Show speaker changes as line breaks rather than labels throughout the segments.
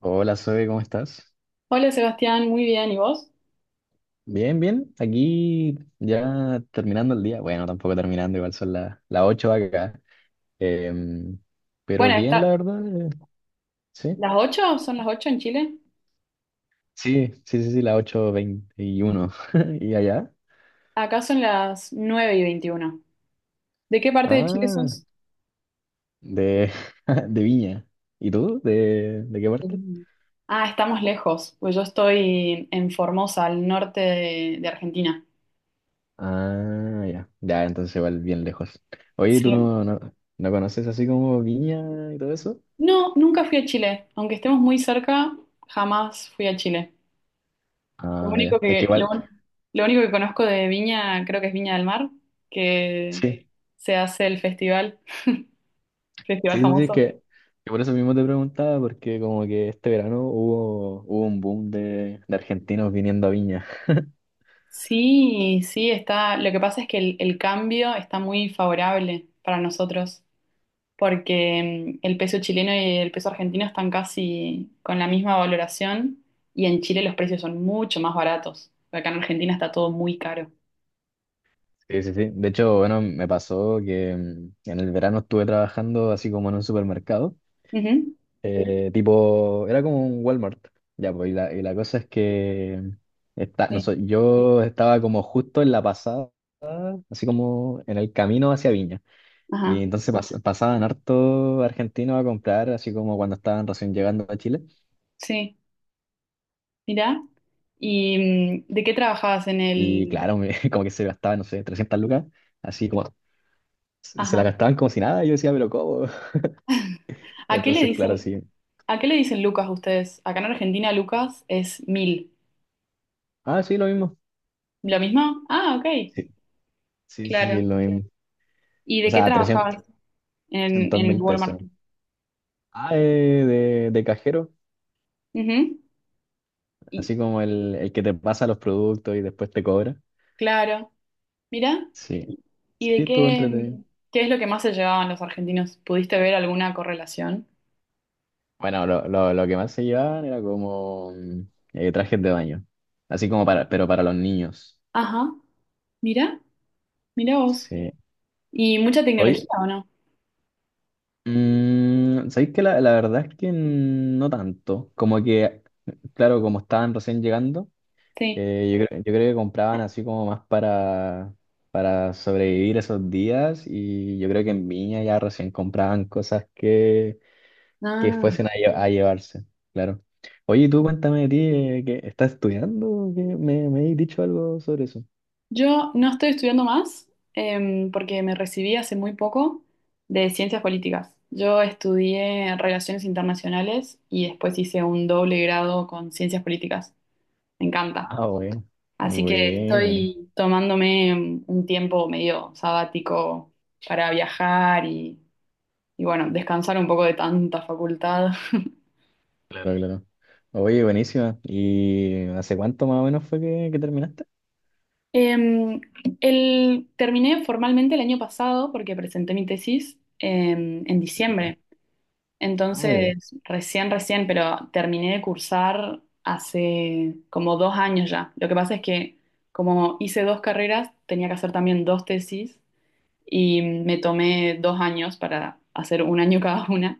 Hola, Zoe, ¿cómo estás?
Hola Sebastián, muy bien, ¿y vos?
Bien, bien. Aquí ya terminando el día. Bueno, tampoco terminando, igual son las 8 acá. Em, pero
Bueno,
bien, la verdad. Sí,
¿Son las 8 en Chile?
sí, sí, sí, sí, las 8:21 ¿Y allá?
Acá son las 9:21. ¿De qué parte de Chile
Ah,
sos?
de, de Viña. ¿Y tú? ¿De qué parte?
Mm. Ah, estamos lejos, pues yo estoy en Formosa, al norte de Argentina.
Ah, ya. Ya, entonces igual bien lejos. Oye, ¿tú
Sí.
no conoces así como Viña y todo eso?
No, nunca fui a Chile, aunque estemos muy cerca, jamás fui a Chile. Lo
Ah, ya.
único
Es que
que, lo,
igual,
un- lo único que conozco de Viña, creo que es Viña del Mar, que
sí.
se hace el festival, festival
Sí, sí, sí,
famoso.
que por eso mismo te preguntaba, porque como que este verano hubo un boom de argentinos viniendo a Viña.
Sí, sí, está. Lo que pasa es que el cambio está muy favorable para nosotros, porque el peso chileno y el peso argentino están casi con la misma valoración y en Chile los precios son mucho más baratos. Acá en Argentina está todo muy caro.
Sí, sí, sí. De hecho, bueno, me pasó que en el verano estuve trabajando así como en un supermercado,
Ujú.
tipo, era como un Walmart, ya, pues, y la cosa es que está, no
Sí,
sé, yo estaba como justo en la pasada, así como en el camino hacia Viña. Y
ajá,
entonces pasaban harto argentinos a comprar, así como cuando estaban recién llegando a Chile.
sí, mirá. ¿Y de qué trabajabas en
Y
el?
claro, como que se gastaban no sé, 300 lucas, así como se la
Ajá.
gastaban como si nada. Y yo decía, pero ¿cómo?
¿A qué le
Entonces, claro,
dicen,
sí.
a qué le dicen Lucas ustedes? Acá en Argentina Lucas es 1.000.
Ah, sí, lo mismo.
¿Lo mismo? Ah, ok,
Sí, sí, sí, sí,
claro.
lo mismo.
¿Y
O
de qué
sea, 300
trabajabas en
mil pesos.
Walmart?
Ah, de cajero,
Ujú. Y,
así como el que te pasa los productos y después te cobra.
claro, mira.
Sí,
¿Y
sí,
de
estuvo
qué,
entretenido.
Qué es lo que más se llevaban los argentinos? ¿Pudiste ver alguna correlación?
Bueno, lo que más se llevaban era como trajes de baño, así como para, pero para los niños.
Ajá, mira, mira vos.
Sí.
¿Y mucha tecnología
Oye,
o no?
Sabéis que la verdad es que no tanto. Como que, claro, como estaban recién llegando,
Sí.
yo creo que compraban así como más para sobrevivir esos días. Y yo creo que en Viña ya recién compraban cosas que
Ah,
fuesen a llevarse, claro. Oye, tú cuéntame de ti, que estás estudiando, que me has dicho algo sobre eso.
yo no estoy estudiando más porque me recibí hace muy poco de ciencias políticas. Yo estudié relaciones internacionales y después hice un doble grado con ciencias políticas. Me encanta.
Ah, bueno.
Así que
Bueno,
estoy tomándome un tiempo medio sabático para viajar y, bueno, descansar un poco de tanta facultad.
claro. Claro, claro. Oye, buenísima. ¿Y hace cuánto más o menos fue que terminaste?
Em, Terminé formalmente el año pasado porque presenté mi tesis en diciembre.
Ah, ya.
Entonces, recién, recién, pero terminé de cursar hace como 2 años ya. Lo que pasa es que como hice dos carreras, tenía que hacer también dos tesis y me tomé 2 años para hacer un año cada una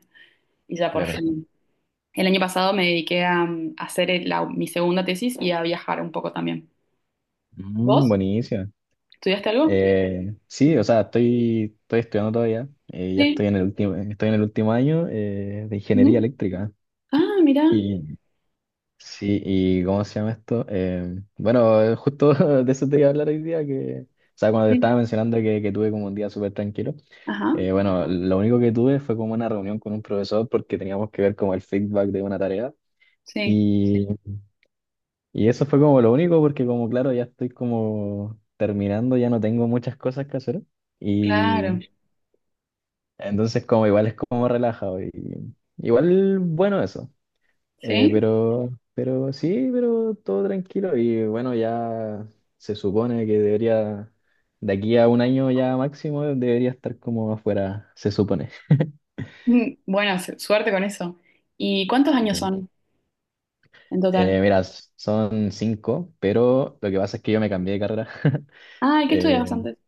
y ya por
Claro.
fin. El año pasado me dediqué a hacer mi segunda tesis y a viajar un poco también.
Mm,
¿Vos?
buenísima.
¿Estudiaste algo?
Sí, o sea, estoy estudiando todavía. Ya
Sí.
estoy en el último año de
Ujú.
ingeniería eléctrica.
Ah, mira.
Y sí, ¿y cómo se llama esto? Bueno, justo de eso te iba a hablar hoy día, que, o sea, cuando te
Sí.
estaba mencionando que tuve como un día súper tranquilo,
Ajá.
bueno, lo único que tuve fue como una reunión con un profesor porque teníamos que ver como el feedback de una tarea.
Sí.
Y, y eso fue como lo único, porque como claro, ya estoy como terminando, ya no tengo muchas cosas que hacer. Y
Claro.
entonces como igual es como relajado. Y, igual bueno eso. Eh,
Sí.
pero, pero sí, pero todo tranquilo. Y bueno, ya se supone que debería, de aquí a un año ya máximo, debería estar como afuera, se supone.
Bueno, suerte con eso. ¿Y cuántos años
Sí.
son en total?
Mira, son cinco, pero lo que pasa es que yo me cambié de carrera.
Ah, ¿y qué estudiabas antes?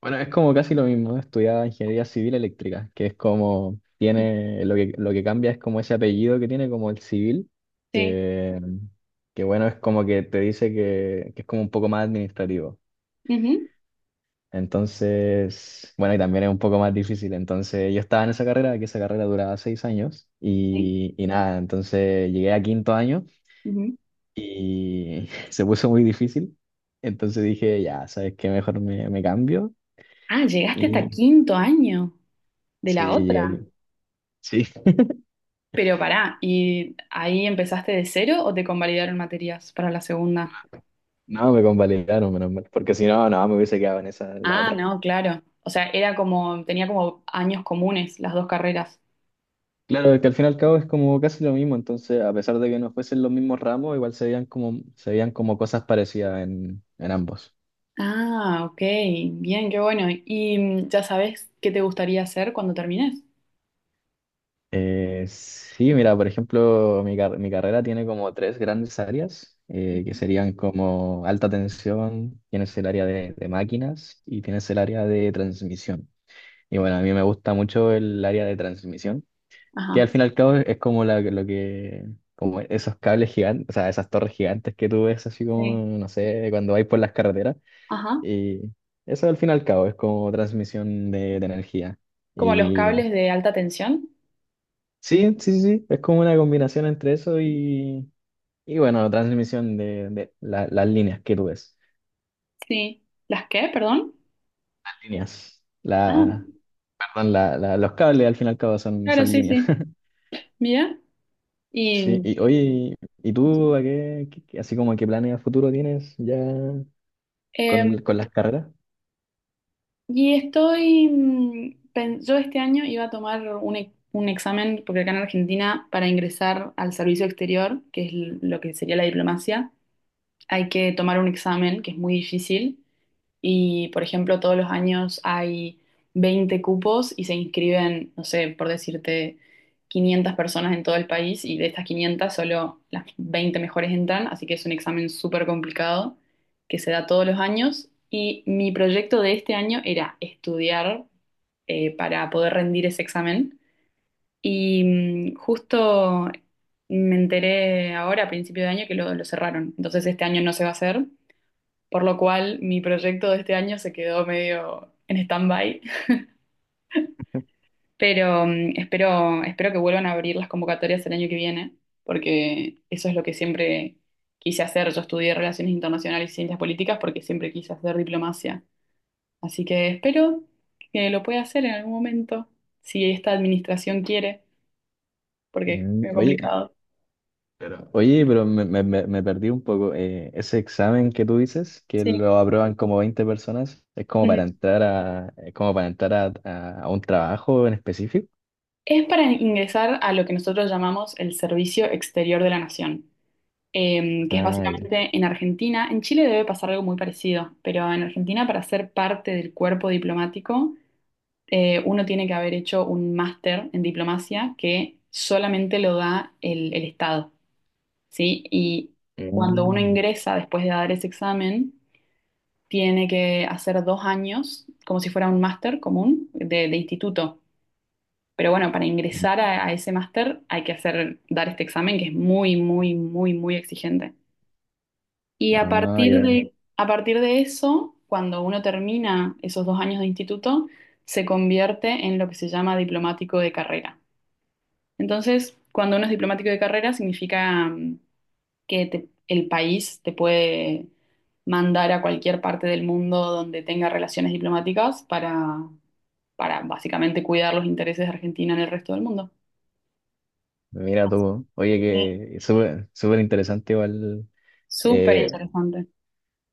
Bueno, es como casi lo mismo, estudiaba ingeniería civil eléctrica, que es como tiene, lo que cambia es como ese apellido que tiene, como el civil,
Sí.
que, que bueno, es como que te dice que es como un poco más administrativo.
Ujú.
Entonces, bueno, y también es un poco más difícil. Entonces, yo estaba en esa carrera, que esa carrera duraba 6 años,
Sí.
y nada, entonces llegué a quinto año
Ujú.
y se puso muy difícil. Entonces dije, ya, ¿sabes qué? Mejor me cambio.
Ah, llegaste hasta
Y
quinto año de
sí,
la
llegué
otra.
aquí. Sí,
Pero pará, ¿y ahí empezaste de cero o te convalidaron materias para la segunda?
no, me convalidaron, menos mal, porque si no, no, me hubiese quedado en esa, en la
Ah,
otra.
no, claro. O sea, era como, tenía como años comunes las dos carreras.
Claro, es que al fin y al cabo es como casi lo mismo, entonces a pesar de que no fuesen los mismos ramos, igual se veían como cosas parecidas en, ambos.
Ah, ok, bien, qué bueno. ¿Y ya sabes qué te gustaría hacer cuando termines?
Sí, mira, por ejemplo, mi carrera tiene como tres grandes áreas, que
Ujú.
serían como alta tensión, tienes el área de máquinas y tienes el área de transmisión. Y bueno, a mí me gusta mucho el área de transmisión, que al
Ajá,
fin y al cabo es como como esos cables gigantes, o sea, esas torres gigantes que tú ves así como,
sí,
no sé, cuando vais por las carreteras.
ajá.
Y eso al fin y al cabo es como transmisión de energía.
¿Como los
Y
cables de alta tensión?
sí, sí, sí, sí, es como una combinación entre eso y bueno, transmisión de las líneas que tú ves.
Sí. ¿Las qué, perdón?
Líneas. La,
Ah,
perdón, la, la- los cables al fin y al cabo son,
claro,
son
sí,
líneas.
sí. Mira.
Sí,
¿Y
y oye, ¿y tú a qué, qué- qué- así como a qué planes a futuro tienes ya,
em,
con las carreras?
yo este año iba a tomar un examen, porque acá en Argentina, para ingresar al servicio exterior, que es lo que sería la diplomacia, hay que tomar un examen que es muy difícil y, por ejemplo, todos los años hay 20 cupos y se inscriben, no sé, por decirte, 500 personas en todo el país y de estas 500 solo las 20 mejores entran, así que es un examen súper complicado que se da todos los años y mi proyecto de este año era estudiar para poder rendir ese examen y justo me enteré ahora a principio de año que lo cerraron, entonces este año no se va a hacer por lo cual mi proyecto de este año se quedó medio en stand-by, pero espero, espero que vuelvan a abrir las convocatorias el año que viene, porque eso es lo que siempre quise hacer. Yo estudié Relaciones Internacionales y Ciencias Políticas porque siempre quise hacer diplomacia, así que espero que lo pueda hacer en algún momento, si esta administración quiere, porque es muy
Oye,
complicado.
pero oye, pero me perdí un poco. Ese examen que tú dices, que
Sí.
lo aprueban como 20 personas,
Ujú.
es como para entrar a, a un trabajo en específico?
Es para ingresar a lo que nosotros llamamos el Servicio Exterior de la Nación. Que es
Ah, ya.
básicamente en Argentina. En Chile debe pasar algo muy parecido, pero en Argentina para ser parte del cuerpo diplomático, Uno tiene que haber hecho un máster en diplomacia que solamente lo da el Estado, ¿sí? Y cuando uno
Mm.
ingresa después de dar ese examen, tiene que hacer 2 años, como si fuera un máster común de instituto. Pero bueno, para ingresar a ese máster hay que hacer, dar este examen que es muy, muy, muy, muy exigente. Y a
Ah,
partir
gran.
de, a partir de eso, cuando uno termina esos 2 años de instituto, se convierte en lo que se llama diplomático de carrera. Entonces, cuando uno es diplomático de carrera, significa el país te puede mandar a cualquier parte del mundo donde tenga relaciones diplomáticas para básicamente cuidar los intereses de Argentina en el resto del mundo.
Mira tú. Oye,
Sí.
que súper, súper interesante igual.
Súper
Eh,
interesante.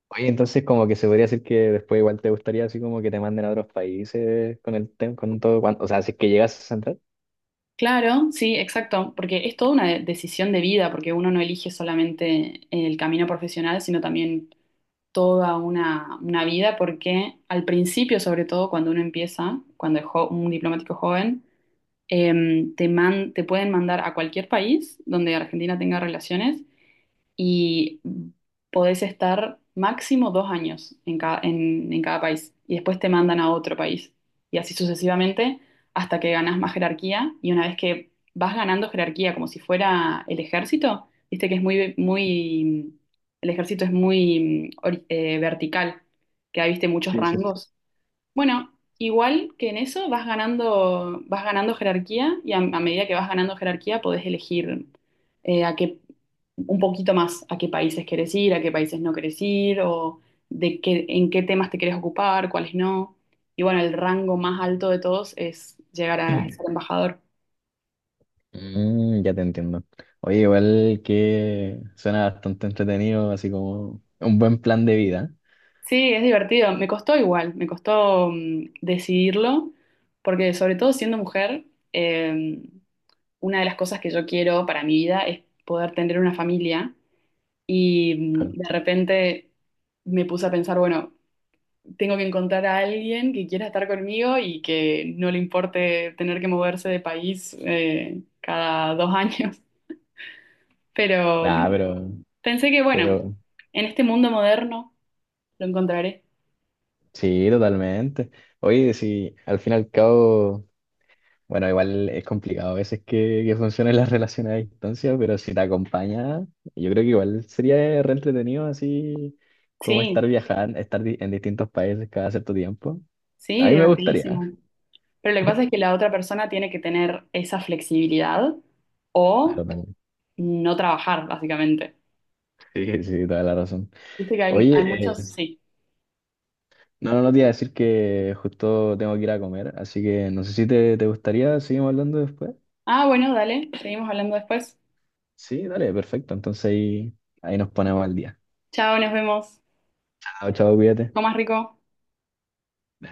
Oye, entonces como que se podría decir que después igual te gustaría así como que te manden a otros países con el tema, con todo, o sea, si es que llegas a entrar.
Claro, sí, exacto, porque es toda una decisión de vida, porque uno no elige solamente el camino profesional, sino también toda una vida, porque al principio, sobre todo cuando uno empieza, cuando es un diplomático joven, te pueden mandar a cualquier país donde Argentina tenga relaciones y podés estar máximo 2 años en cada país y después te mandan a otro país y así sucesivamente hasta que ganás más jerarquía y una vez que vas ganando jerarquía como si fuera el ejército, viste que es muy, muy, el ejército es muy vertical, que hay, viste, muchos
Sí, sí.
rangos. Bueno, igual que en eso vas ganando jerarquía y a medida que vas ganando jerarquía podés elegir eh, a qué, un poquito más a qué países querés ir, a qué países no querés ir, o en qué temas te querés ocupar, cuáles no. Y bueno, el rango más alto de todos es llegar a ser embajador.
Mm, ya te entiendo. Oye, igual que suena bastante entretenido, así como un buen plan de vida.
Sí, es divertido. Me costó igual, me costó decidirlo, porque sobre todo siendo mujer, em, una de las cosas que yo quiero para mi vida es poder tener una familia y
Claro.
de repente me puse a pensar, bueno, tengo que encontrar a alguien que quiera estar conmigo y que no le importe tener que moverse de país cada 2 años. Pero
Nah, pero,
pensé que, bueno,
pero
en este mundo moderno lo encontraré.
sí, totalmente. Oye, si al fin y al cabo, bueno, igual es complicado a veces que funcionen las relaciones a distancia, pero si te acompaña, yo creo que igual sería re entretenido así como estar
Sí,
viajando, estar en distintos países cada cierto tiempo. A
sí,
mí me
divertidísimo.
gustaría.
Pero lo que pasa es que la otra persona tiene que tener esa flexibilidad o
Totalmente.
no trabajar, básicamente.
Sí, sí, toda la razón.
Viste que hay
Oye,
muchos, sí.
no, no, no te iba a decir que justo tengo que ir a comer, así que no sé si te gustaría, seguimos hablando después.
Ah, bueno, dale, seguimos hablando después.
Sí, dale, perfecto. Entonces ahí nos ponemos al día.
Chao, nos vemos.
Chao, chao, cuídate.
Comas rico.